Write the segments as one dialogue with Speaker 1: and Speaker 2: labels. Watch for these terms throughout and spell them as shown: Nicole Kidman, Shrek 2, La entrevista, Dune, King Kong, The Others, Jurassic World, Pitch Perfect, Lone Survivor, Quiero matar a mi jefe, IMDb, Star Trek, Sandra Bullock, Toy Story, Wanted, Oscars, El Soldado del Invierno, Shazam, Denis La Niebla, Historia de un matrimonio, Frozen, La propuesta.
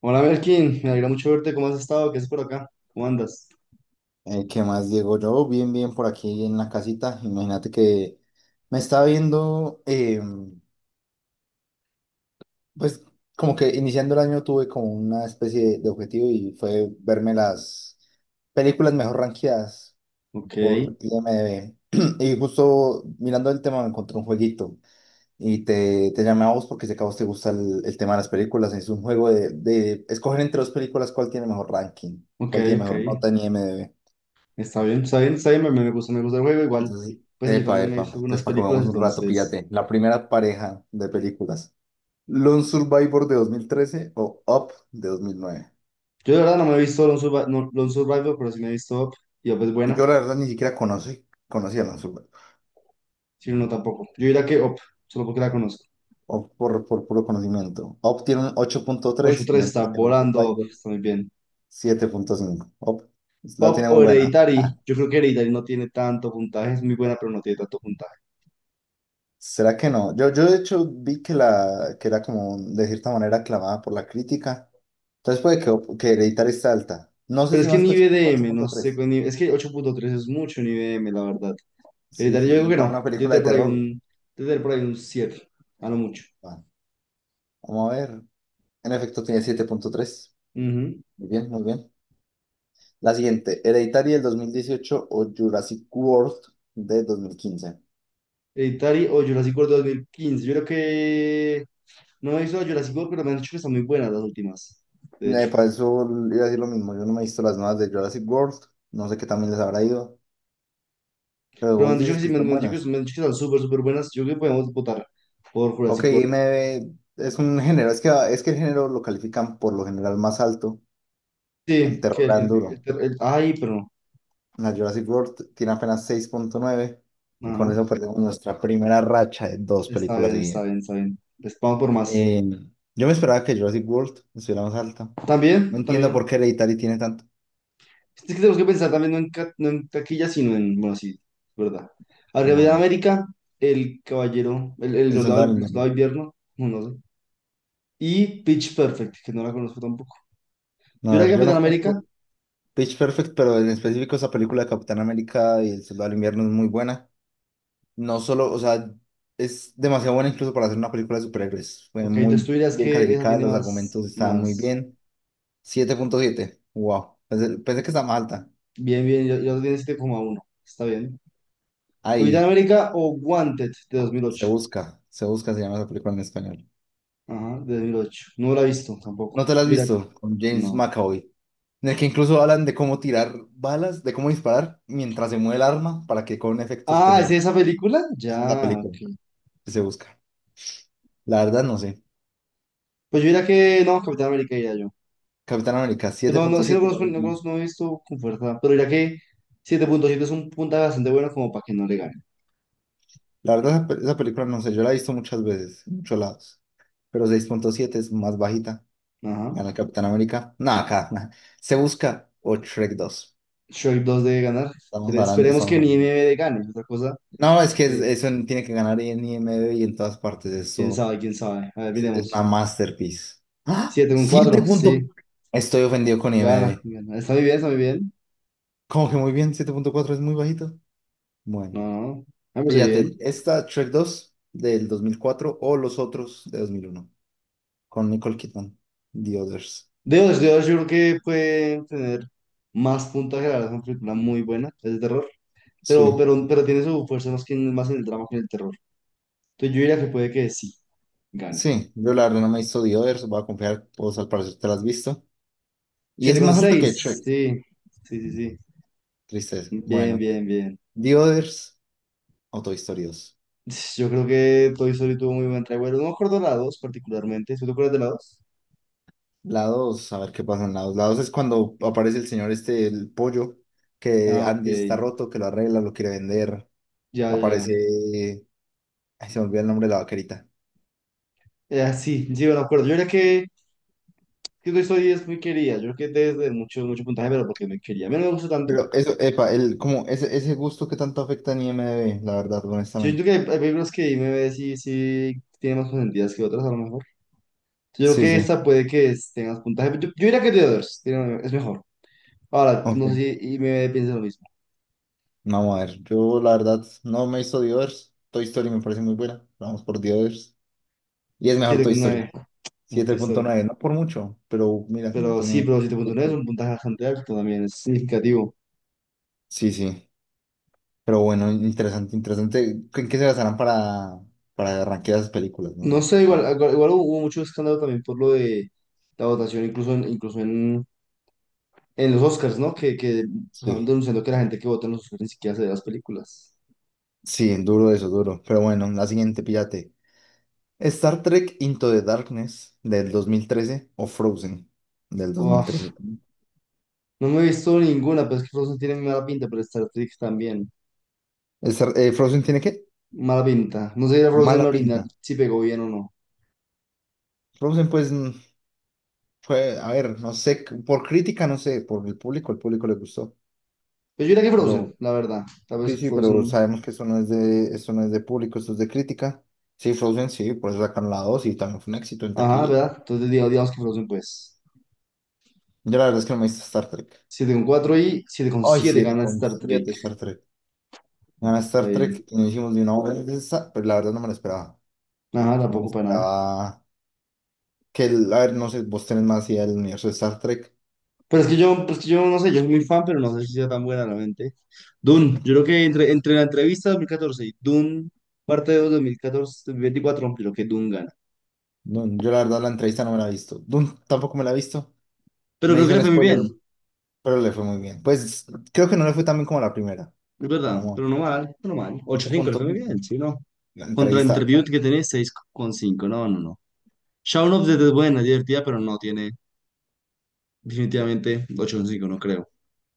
Speaker 1: Hola Melkin, me alegra mucho verte. ¿Cómo has estado? ¿Qué haces por acá? ¿Cómo andas?
Speaker 2: ¿Qué más, Diego? Yo bien, bien por aquí en la casita. Imagínate que me estaba viendo, pues como que iniciando el año tuve como una especie de objetivo y fue verme las películas mejor rankeadas
Speaker 1: Ok,
Speaker 2: por IMDb. Y justo mirando el tema me encontré un jueguito y te llamé a vos porque sé que a vos te gusta el tema de las películas. Es un juego de escoger entre dos películas cuál tiene mejor ranking,
Speaker 1: ok,
Speaker 2: cuál tiene
Speaker 1: ok.
Speaker 2: mejor nota en IMDb.
Speaker 1: Está bien, está bien, está bien. Me gusta el juego. Igual,
Speaker 2: Entonces,
Speaker 1: pues yo
Speaker 2: epa,
Speaker 1: también me he
Speaker 2: epa.
Speaker 1: visto
Speaker 2: Entonces,
Speaker 1: algunas
Speaker 2: para que
Speaker 1: películas,
Speaker 2: veamos un rato,
Speaker 1: entonces.
Speaker 2: píllate. La primera pareja de películas. Lone Survivor de 2013 o Up de 2009.
Speaker 1: Yo de verdad no me he visto no, Lone Survivor, pero sí me he visto Up. Y Up es
Speaker 2: Yo
Speaker 1: buena,
Speaker 2: la verdad ni siquiera conocía a Lone Survivor.
Speaker 1: si no, no tampoco. Yo diría que Up, solo porque la conozco.
Speaker 2: Up por puro conocimiento. Up tiene un ocho punto
Speaker 1: Ocho
Speaker 2: tres
Speaker 1: tres está
Speaker 2: mientras que Lone
Speaker 1: volando, Up,
Speaker 2: Survivor
Speaker 1: está muy bien.
Speaker 2: 7.5. Up la
Speaker 1: Up
Speaker 2: tiene muy
Speaker 1: o
Speaker 2: buena.
Speaker 1: Hereditary.
Speaker 2: Ja.
Speaker 1: Yo creo que Hereditary no tiene tanto puntaje, es muy buena, pero no tiene tanto puntaje.
Speaker 2: ¿Será que no? Yo de hecho vi que era como de cierta manera aclamada por la crítica. Entonces puede que Hereditary está alta. No sé
Speaker 1: Pero
Speaker 2: si
Speaker 1: es que
Speaker 2: más
Speaker 1: en
Speaker 2: que
Speaker 1: I
Speaker 2: ocho
Speaker 1: B D
Speaker 2: ocho
Speaker 1: m, no
Speaker 2: punto
Speaker 1: sé,
Speaker 2: tres.
Speaker 1: con IBDM, es que 8,3 es mucho en IBDM, la verdad.
Speaker 2: Sí,
Speaker 1: Hereditario
Speaker 2: sí,
Speaker 1: yo digo
Speaker 2: y
Speaker 1: que
Speaker 2: para
Speaker 1: no.
Speaker 2: una película de terror.
Speaker 1: Yo te por ahí un 7 a lo mucho.
Speaker 2: Bueno, vamos a ver. En efecto, tiene 7.3.
Speaker 1: Ujú.
Speaker 2: Muy bien, muy bien. La siguiente, Hereditary del 2018 o Jurassic World de 2015.
Speaker 1: Hereditario o Jurassic World 2015. Yo creo que no he visto Jurassic World, pero me han dicho que están muy buenas las últimas, de hecho.
Speaker 2: Para eso iba a decir lo mismo. Yo no me he visto las nuevas de Jurassic World. No sé qué también les habrá ido. Pero
Speaker 1: Pero me han
Speaker 2: vos
Speaker 1: dicho
Speaker 2: dices
Speaker 1: que
Speaker 2: que
Speaker 1: sí,
Speaker 2: están buenas.
Speaker 1: me han dicho que están súper, súper buenas. Yo creo que podemos votar por
Speaker 2: Ok,
Speaker 1: Jurassic World.
Speaker 2: me es un género. Es que el género lo califican por lo general más alto. El
Speaker 1: Sí, que
Speaker 2: terror le
Speaker 1: el,
Speaker 2: dan duro.
Speaker 1: el- el- el- ay, pero
Speaker 2: La Jurassic World tiene apenas 6.9 y
Speaker 1: no.
Speaker 2: con
Speaker 1: Ajá.
Speaker 2: eso perdemos nuestra primera racha de dos
Speaker 1: Está
Speaker 2: películas
Speaker 1: bien, está
Speaker 2: seguidas.
Speaker 1: bien, está bien. Les vamos por más.
Speaker 2: Eh, yo me esperaba que Jurassic World estuviera más alta. No
Speaker 1: También,
Speaker 2: entiendo
Speaker 1: también.
Speaker 2: por qué Hereditary tiene tanto.
Speaker 1: Es que tenemos que pensar también no en, no en taquillas, sino en, bueno, sí, es verdad. Arriba de
Speaker 2: Bueno,
Speaker 1: América, El Caballero, el
Speaker 2: El
Speaker 1: Soldado,
Speaker 2: Soldado
Speaker 1: el
Speaker 2: del
Speaker 1: Soldado
Speaker 2: Invierno.
Speaker 1: de Invierno, no, no sé. Y Pitch Perfect, que no la conozco tampoco. Yo
Speaker 2: No, a
Speaker 1: era
Speaker 2: ver, yo
Speaker 1: Capitán
Speaker 2: no conozco
Speaker 1: América,
Speaker 2: Pitch Perfect, pero en específico esa película de Capitán América y El Soldado del Invierno es muy buena. No solo, o sea, es demasiado buena incluso para hacer una película de superhéroes. Fue
Speaker 1: ok,
Speaker 2: muy
Speaker 1: entonces tú dirías
Speaker 2: bien
Speaker 1: que esa
Speaker 2: calificada,
Speaker 1: tiene
Speaker 2: los
Speaker 1: más,
Speaker 2: argumentos estaban muy
Speaker 1: más.
Speaker 2: bien. 7.7. Wow. Pensé que estaba más alta.
Speaker 1: Bien, bien, yo tiene 7,1 está bien. Capitán
Speaker 2: Ahí,
Speaker 1: América o Wanted de dos mil
Speaker 2: se
Speaker 1: ocho
Speaker 2: busca, se busca, se llama esa película en español.
Speaker 1: Ajá, de 2008. No la he visto tampoco.
Speaker 2: ¿No te la has
Speaker 1: Yo diría,
Speaker 2: visto? Con James
Speaker 1: no.
Speaker 2: McAvoy. En el que incluso hablan de cómo tirar balas, de cómo disparar mientras se mueve el arma para que con un efecto
Speaker 1: Ah, ¿es
Speaker 2: especial.
Speaker 1: esa película?
Speaker 2: Esa es la
Speaker 1: Ya,
Speaker 2: película
Speaker 1: ok.
Speaker 2: que se busca. La verdad no sé.
Speaker 1: Pues yo diría que no, Capitán América diría yo.
Speaker 2: Capitán América
Speaker 1: Pues
Speaker 2: siete
Speaker 1: no, no,
Speaker 2: punto
Speaker 1: sí, no
Speaker 2: siete. La
Speaker 1: conozco, no
Speaker 2: verdad
Speaker 1: conozco, no he visto con fuerza, pero ya que 7,7 es un puntaje bastante bueno como para que no le gane.
Speaker 2: la verdad, esa película no sé, yo la he visto muchas veces, en muchos lados. Pero 6.7 es más bajita.
Speaker 1: Ajá.
Speaker 2: Gana el Capitán América. Nada, acá. Nah. Se busca o Shrek 2.
Speaker 1: Shoaib 2 debe ganar.
Speaker 2: Estamos hablando,
Speaker 1: Esperemos
Speaker 2: estamos
Speaker 1: que ni
Speaker 2: hablando.
Speaker 1: MB gane. Otra cosa,
Speaker 2: No, es que
Speaker 1: que
Speaker 2: eso tiene que ganar en IMDb y en todas partes.
Speaker 1: quién
Speaker 2: Eso
Speaker 1: sabe, quién sabe. A ver,
Speaker 2: es una
Speaker 1: miremos.
Speaker 2: masterpiece. ¡Ah!
Speaker 1: siete con
Speaker 2: Siete
Speaker 1: cuatro sí,
Speaker 2: punto. Estoy ofendido con
Speaker 1: gana,
Speaker 2: IMDb.
Speaker 1: gana. Está muy bien, está muy bien.
Speaker 2: Como que muy bien, 7.4 es muy bajito.
Speaker 1: No,
Speaker 2: Bueno,
Speaker 1: no, me parece
Speaker 2: fíjate,
Speaker 1: bien.
Speaker 2: esta Shrek dos del 2004 o los otros de 2001 con Nicole Kidman, The Others.
Speaker 1: Dios, Dios, yo creo que puede tener más puntaje, la verdad, es una película muy buena, es de terror, pero,
Speaker 2: Sí,
Speaker 1: pero, pero tiene su fuerza más, que, más en el drama que en el terror. Entonces yo diría que puede que sí, gane.
Speaker 2: sí, yo la verdad no me he visto The Others, voy a confiar, vos al parecer te la has visto. Y
Speaker 1: siete
Speaker 2: es
Speaker 1: con
Speaker 2: más alto que
Speaker 1: seis
Speaker 2: Shrek,
Speaker 1: Sí, sí, sí, sí.
Speaker 2: tristeza.
Speaker 1: Bien,
Speaker 2: Bueno,
Speaker 1: bien, bien.
Speaker 2: The Others o Toy Story 2.
Speaker 1: Yo creo que Toy Story tuvo muy buen revuelo. No me acuerdo de la 2 particularmente. ¿Sí te acuerdas de la 2?
Speaker 2: La 2, a ver qué pasa en la 2. La 2 es cuando aparece el señor este, el pollo, que
Speaker 1: Ah, ok.
Speaker 2: Andy está roto, que lo arregla, lo quiere vender.
Speaker 1: Ya, ya, ya.
Speaker 2: Aparece. Ay, se me olvida el nombre de la vaquerita.
Speaker 1: Ah, sí, sí, me acuerdo. Yo creo que Toy Story es muy querida. Yo creo que desde mucho, mucho puntaje, pero porque me quería. A mí no me gusta tanto.
Speaker 2: Pero eso, epa, como ese gusto que tanto afecta en I M D B la verdad,
Speaker 1: Sí, yo
Speaker 2: honestamente.
Speaker 1: creo que hay películas que me ve si tiene más consentidas que otras, a lo mejor. Yo creo
Speaker 2: Sí,
Speaker 1: que
Speaker 2: sí.
Speaker 1: esta puede que tenga más puntaje. Yo diría que The Others es mejor. Ahora,
Speaker 2: Ok.
Speaker 1: no sé si y me piensa lo mismo.
Speaker 2: Vamos a ver. Yo, la verdad, no me hizo The Others. Toy Story me parece muy buena. Vamos por The Others. Y es mejor Toy Story.
Speaker 1: 7,9. No, Toy
Speaker 2: siete punto
Speaker 1: Story.
Speaker 2: nueve No por mucho, pero mira, no
Speaker 1: Pero sí,
Speaker 2: tiene.
Speaker 1: pero 7,9 es un puntaje bastante alto también, es significativo.
Speaker 2: Sí, sí. Pero bueno, interesante, interesante. ¿En qué se basarán para rankear esas películas? No
Speaker 1: No
Speaker 2: sé.
Speaker 1: sé, igual, igual, igual hubo mucho escándalo también por lo de la votación, incluso en los Oscars, ¿no? Que estaban
Speaker 2: Sí,
Speaker 1: denunciando que la gente que vota en los Oscars ni siquiera se ve las películas.
Speaker 2: sí, duro eso, duro. Pero bueno, la siguiente, píllate. Star Trek Into the Darkness del 2013 o Frozen del
Speaker 1: Uf,
Speaker 2: 2013 también.
Speaker 1: no me he visto ninguna, pero es que Frozen tiene mala pinta, pero Star Trek también.
Speaker 2: ¿Frozen tiene qué?
Speaker 1: Mala pinta. No sé si era Frozen
Speaker 2: Mala
Speaker 1: la original,
Speaker 2: pinta.
Speaker 1: si pegó bien o no.
Speaker 2: Frozen, pues, fue, a ver, no sé, por crítica, no sé, por el público, le gustó.
Speaker 1: Pero yo diría que Frozen,
Speaker 2: Pero
Speaker 1: la verdad. Tal
Speaker 2: Sí,
Speaker 1: vez
Speaker 2: sí, pero
Speaker 1: Frozen.
Speaker 2: sabemos que eso no es de público, eso es de crítica. Sí, Frozen, sí, por eso sacaron la 2 y también fue un éxito en
Speaker 1: Ajá,
Speaker 2: taquilla.
Speaker 1: ¿verdad? Entonces digamos que Frozen, pues.
Speaker 2: Yo la verdad es que no me hice Star Trek.
Speaker 1: 7,4 y siete coma
Speaker 2: Ay,
Speaker 1: siete
Speaker 2: siete
Speaker 1: gana
Speaker 2: con
Speaker 1: Star
Speaker 2: siete
Speaker 1: Trek.
Speaker 2: Star Trek. Nada,
Speaker 1: Está
Speaker 2: Star
Speaker 1: bien.
Speaker 2: Trek y nos hicimos de una hora de esa, pero la verdad no me lo esperaba.
Speaker 1: Nada,
Speaker 2: No me
Speaker 1: tampoco para nada.
Speaker 2: esperaba que, a ver, no sé, vos tenés más idea del universo de Star Trek.
Speaker 1: Pero es que yo, pues que yo no sé, yo soy muy fan, pero no sé si sea tan buena realmente. Dune, yo creo que entre la entrevista 2014 y Dune, parte de 2014, 2024, creo que Dune gana.
Speaker 2: No, yo la verdad la entrevista no me la he visto. Dune tampoco me la he visto.
Speaker 1: Pero
Speaker 2: Me
Speaker 1: creo que
Speaker 2: hizo
Speaker 1: le
Speaker 2: un
Speaker 1: fue muy
Speaker 2: spoiler,
Speaker 1: bien,
Speaker 2: pero le fue muy bien. Pues creo que no le fue tan bien como la primera.
Speaker 1: es verdad,
Speaker 2: Vamos,
Speaker 1: pero no mal, pero no mal. ocho
Speaker 2: ocho
Speaker 1: cinco le
Speaker 2: punto
Speaker 1: fue muy
Speaker 2: cinco
Speaker 1: bien, sí, no.
Speaker 2: La
Speaker 1: Contra
Speaker 2: entrevista.
Speaker 1: Interview que tiene 6,5, no, no, no. Shaun of the Dead es buena, divertida, pero no tiene definitivamente 8,5, no creo.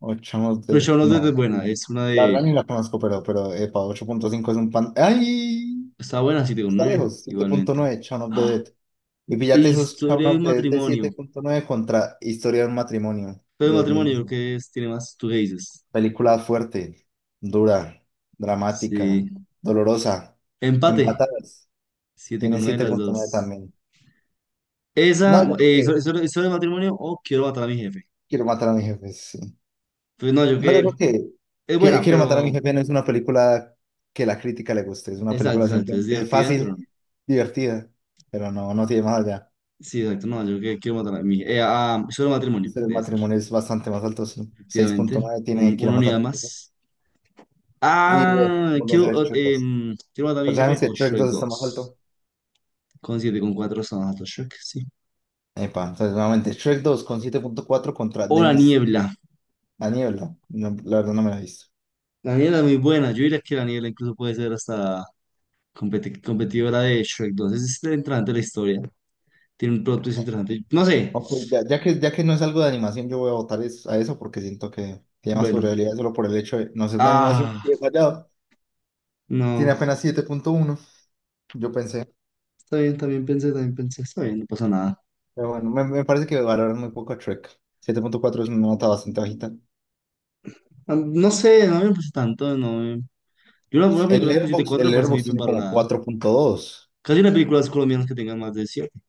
Speaker 2: Ochamos
Speaker 1: Pero
Speaker 2: de...
Speaker 1: Shaun of the Dead es
Speaker 2: No,
Speaker 1: buena, es una
Speaker 2: la
Speaker 1: de...
Speaker 2: verdad ni la conozco, pero, epa, 8.5 es un pan... ¡Ay!
Speaker 1: Está buena, siete coma
Speaker 2: Está
Speaker 1: nueve
Speaker 2: lejos,
Speaker 1: igualmente.
Speaker 2: 7.9, Shaun of the Dead. Y
Speaker 1: E
Speaker 2: fíjate esos Shaun
Speaker 1: historia de
Speaker 2: of
Speaker 1: un
Speaker 2: the Dead de
Speaker 1: matrimonio.
Speaker 2: 7.9 contra Historia de un matrimonio
Speaker 1: Pero
Speaker 2: de
Speaker 1: de matrimonio,
Speaker 2: 2019.
Speaker 1: ¿que es? Tiene más, tú qué dices.
Speaker 2: Película fuerte, dura, dramática,
Speaker 1: Sí.
Speaker 2: dolorosa,
Speaker 1: Empate.
Speaker 2: empatadas.
Speaker 1: Siete con
Speaker 2: Tiene
Speaker 1: nueve las
Speaker 2: 7.9
Speaker 1: dos.
Speaker 2: también. No,
Speaker 1: Esa,
Speaker 2: yo creo que
Speaker 1: historia de matrimonio o quiero matar a mi jefe.
Speaker 2: quiero matar a mi jefe. Sí.
Speaker 1: Pues no, yo
Speaker 2: No, yo creo
Speaker 1: que es
Speaker 2: que
Speaker 1: buena,
Speaker 2: Quiero matar a mi
Speaker 1: pero
Speaker 2: jefe no es una película que la crítica le guste, es una
Speaker 1: exacto,
Speaker 2: película
Speaker 1: exacto. Es
Speaker 2: simplemente
Speaker 1: divertida, pero
Speaker 2: fácil,
Speaker 1: no.
Speaker 2: divertida, pero no, no tiene más allá.
Speaker 1: Sí, exacto. No, yo que quiero matar a mi jefe. Ah, historia de matrimonio,
Speaker 2: Entonces, el
Speaker 1: debe ser.
Speaker 2: matrimonio es bastante más alto, sí. seis punto
Speaker 1: Efectivamente.
Speaker 2: nueve tiene Quiero
Speaker 1: Una
Speaker 2: matar a
Speaker 1: unidad
Speaker 2: mi jefe.
Speaker 1: más.
Speaker 2: Y ve,
Speaker 1: Ah,
Speaker 2: volvés a ver Shrek 2.
Speaker 1: quiero matar a mi
Speaker 2: Pero
Speaker 1: jefe
Speaker 2: sabemos que
Speaker 1: o
Speaker 2: Shrek
Speaker 1: Shrek
Speaker 2: 2 está más
Speaker 1: dos.
Speaker 2: alto.
Speaker 1: Con siete, con cuatro estamos a Shrek, sí.
Speaker 2: Epa, entonces nuevamente Shrek dos con 7.4 contra
Speaker 1: O la
Speaker 2: Denis.
Speaker 1: niebla.
Speaker 2: La Niebla. No, la verdad no me la he visto.
Speaker 1: La niebla es muy buena. Yo diría que la niebla incluso puede ser hasta competidora de Shrek 2. Es este interesante la historia. Tiene un plot twist interesante. No sé.
Speaker 2: Ok, ya que no es algo de animación, yo voy a votar a eso porque siento que tiene más
Speaker 1: Bueno.
Speaker 2: probabilidades solo por el hecho de no ser de animación
Speaker 1: Ah,
Speaker 2: y he fallado. Tiene
Speaker 1: no.
Speaker 2: apenas 7.1, yo pensé.
Speaker 1: Está bien, también pensé, también pensé. Está bien, no pasa nada.
Speaker 2: Pero bueno, me parece que valoran muy poco a Trek. Siete punto cuatro es una nota bastante bajita.
Speaker 1: Ah, no sé, no me parece tanto. No me- Yo una
Speaker 2: El
Speaker 1: película con
Speaker 2: Airbox,
Speaker 1: 7,4
Speaker 2: el
Speaker 1: me parece muy
Speaker 2: Letterboxd
Speaker 1: bien
Speaker 2: tiene como
Speaker 1: valorada.
Speaker 2: 4.2.
Speaker 1: Casi las películas colombianas que tengan más de 7,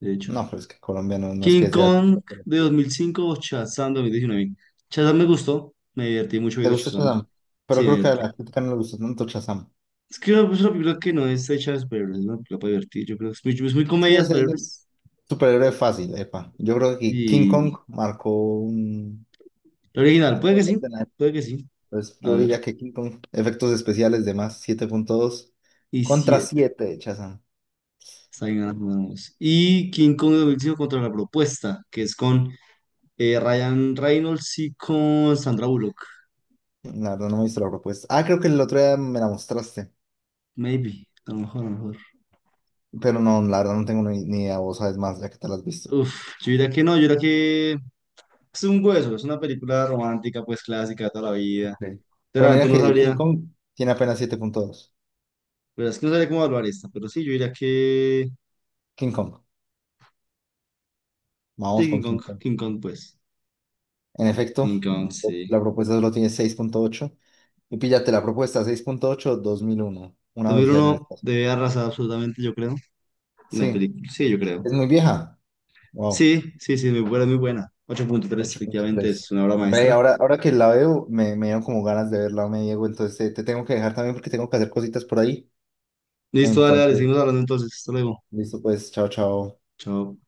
Speaker 1: de hecho.
Speaker 2: No, pero es que Colombia no, no es
Speaker 1: King
Speaker 2: que sea...
Speaker 1: Kong de 2005 o Shazam 2019. Shazam me gustó. Me divertí mucho
Speaker 2: ¿Te
Speaker 1: viendo
Speaker 2: gustó
Speaker 1: Shazam.
Speaker 2: Shazam? Pero
Speaker 1: Sí,
Speaker 2: creo que a
Speaker 1: divertir.
Speaker 2: la crítica no le gustó tanto Shazam.
Speaker 1: Es que es una película que no está hecha de superhéroes, es una película para divertir. Yo creo que es muy
Speaker 2: Sí,
Speaker 1: comedia de
Speaker 2: es un
Speaker 1: superhéroes.
Speaker 2: superhéroe fácil, epa. Yo creo que King Kong
Speaker 1: Y
Speaker 2: marcó un...
Speaker 1: la original,
Speaker 2: algo
Speaker 1: puede que
Speaker 2: muy
Speaker 1: sí,
Speaker 2: fuerte en la época.
Speaker 1: puede que sí.
Speaker 2: Pues
Speaker 1: A
Speaker 2: yo
Speaker 1: ver.
Speaker 2: diría que King Kong, efectos especiales de más, 7.2,
Speaker 1: Y
Speaker 2: contra
Speaker 1: siete.
Speaker 2: 7 de Shazam.
Speaker 1: Está bien, ahora jugamos. Y King Kong 2005 contra la propuesta, que es con Ryan Reynolds y con Sandra Bullock.
Speaker 2: La verdad no me he visto la propuesta. Ah, creo que el otro día me la mostraste.
Speaker 1: Maybe. A lo mejor, a lo mejor.
Speaker 2: Pero no, la verdad no tengo ni idea. Vos sabes más, ya que te la has visto.
Speaker 1: Uf, yo diría que no, yo diría que es un hueso, es una película romántica, pues clásica de toda la
Speaker 2: Ok.
Speaker 1: vida.
Speaker 2: Pero
Speaker 1: Realmente
Speaker 2: mira
Speaker 1: no
Speaker 2: que King
Speaker 1: sabría,
Speaker 2: Kong tiene apenas 7.2.
Speaker 1: pero es que no sabría cómo evaluar esta, pero sí, yo diría que.
Speaker 2: King Kong.
Speaker 1: Sí,
Speaker 2: Vamos
Speaker 1: King
Speaker 2: con King
Speaker 1: Kong,
Speaker 2: Kong.
Speaker 1: King Kong, pues.
Speaker 2: En
Speaker 1: King
Speaker 2: efecto,
Speaker 1: Kong, sí.
Speaker 2: la propuesta solo tiene 6.8. Y píllate la propuesta 6.8. 2001, Una
Speaker 1: dos mil
Speaker 2: odisea en el
Speaker 1: uno
Speaker 2: espacio.
Speaker 1: debe arrasar absolutamente, yo creo. Una
Speaker 2: Sí,
Speaker 1: película, sí, yo creo.
Speaker 2: es muy vieja. Wow,
Speaker 1: Sí, sí, sí, muy buena, muy buena. 8,3
Speaker 2: ocho punto
Speaker 1: efectivamente,
Speaker 2: tres
Speaker 1: es una obra
Speaker 2: Ve,
Speaker 1: maestra.
Speaker 2: ahora, que la veo, me dieron como ganas de verla, me, Diego. Entonces te tengo que dejar también porque tengo que hacer cositas por ahí.
Speaker 1: Listo, dale, dale, seguimos
Speaker 2: Entonces,
Speaker 1: hablando entonces. Hasta luego.
Speaker 2: listo, pues, chao, chao.
Speaker 1: Chao.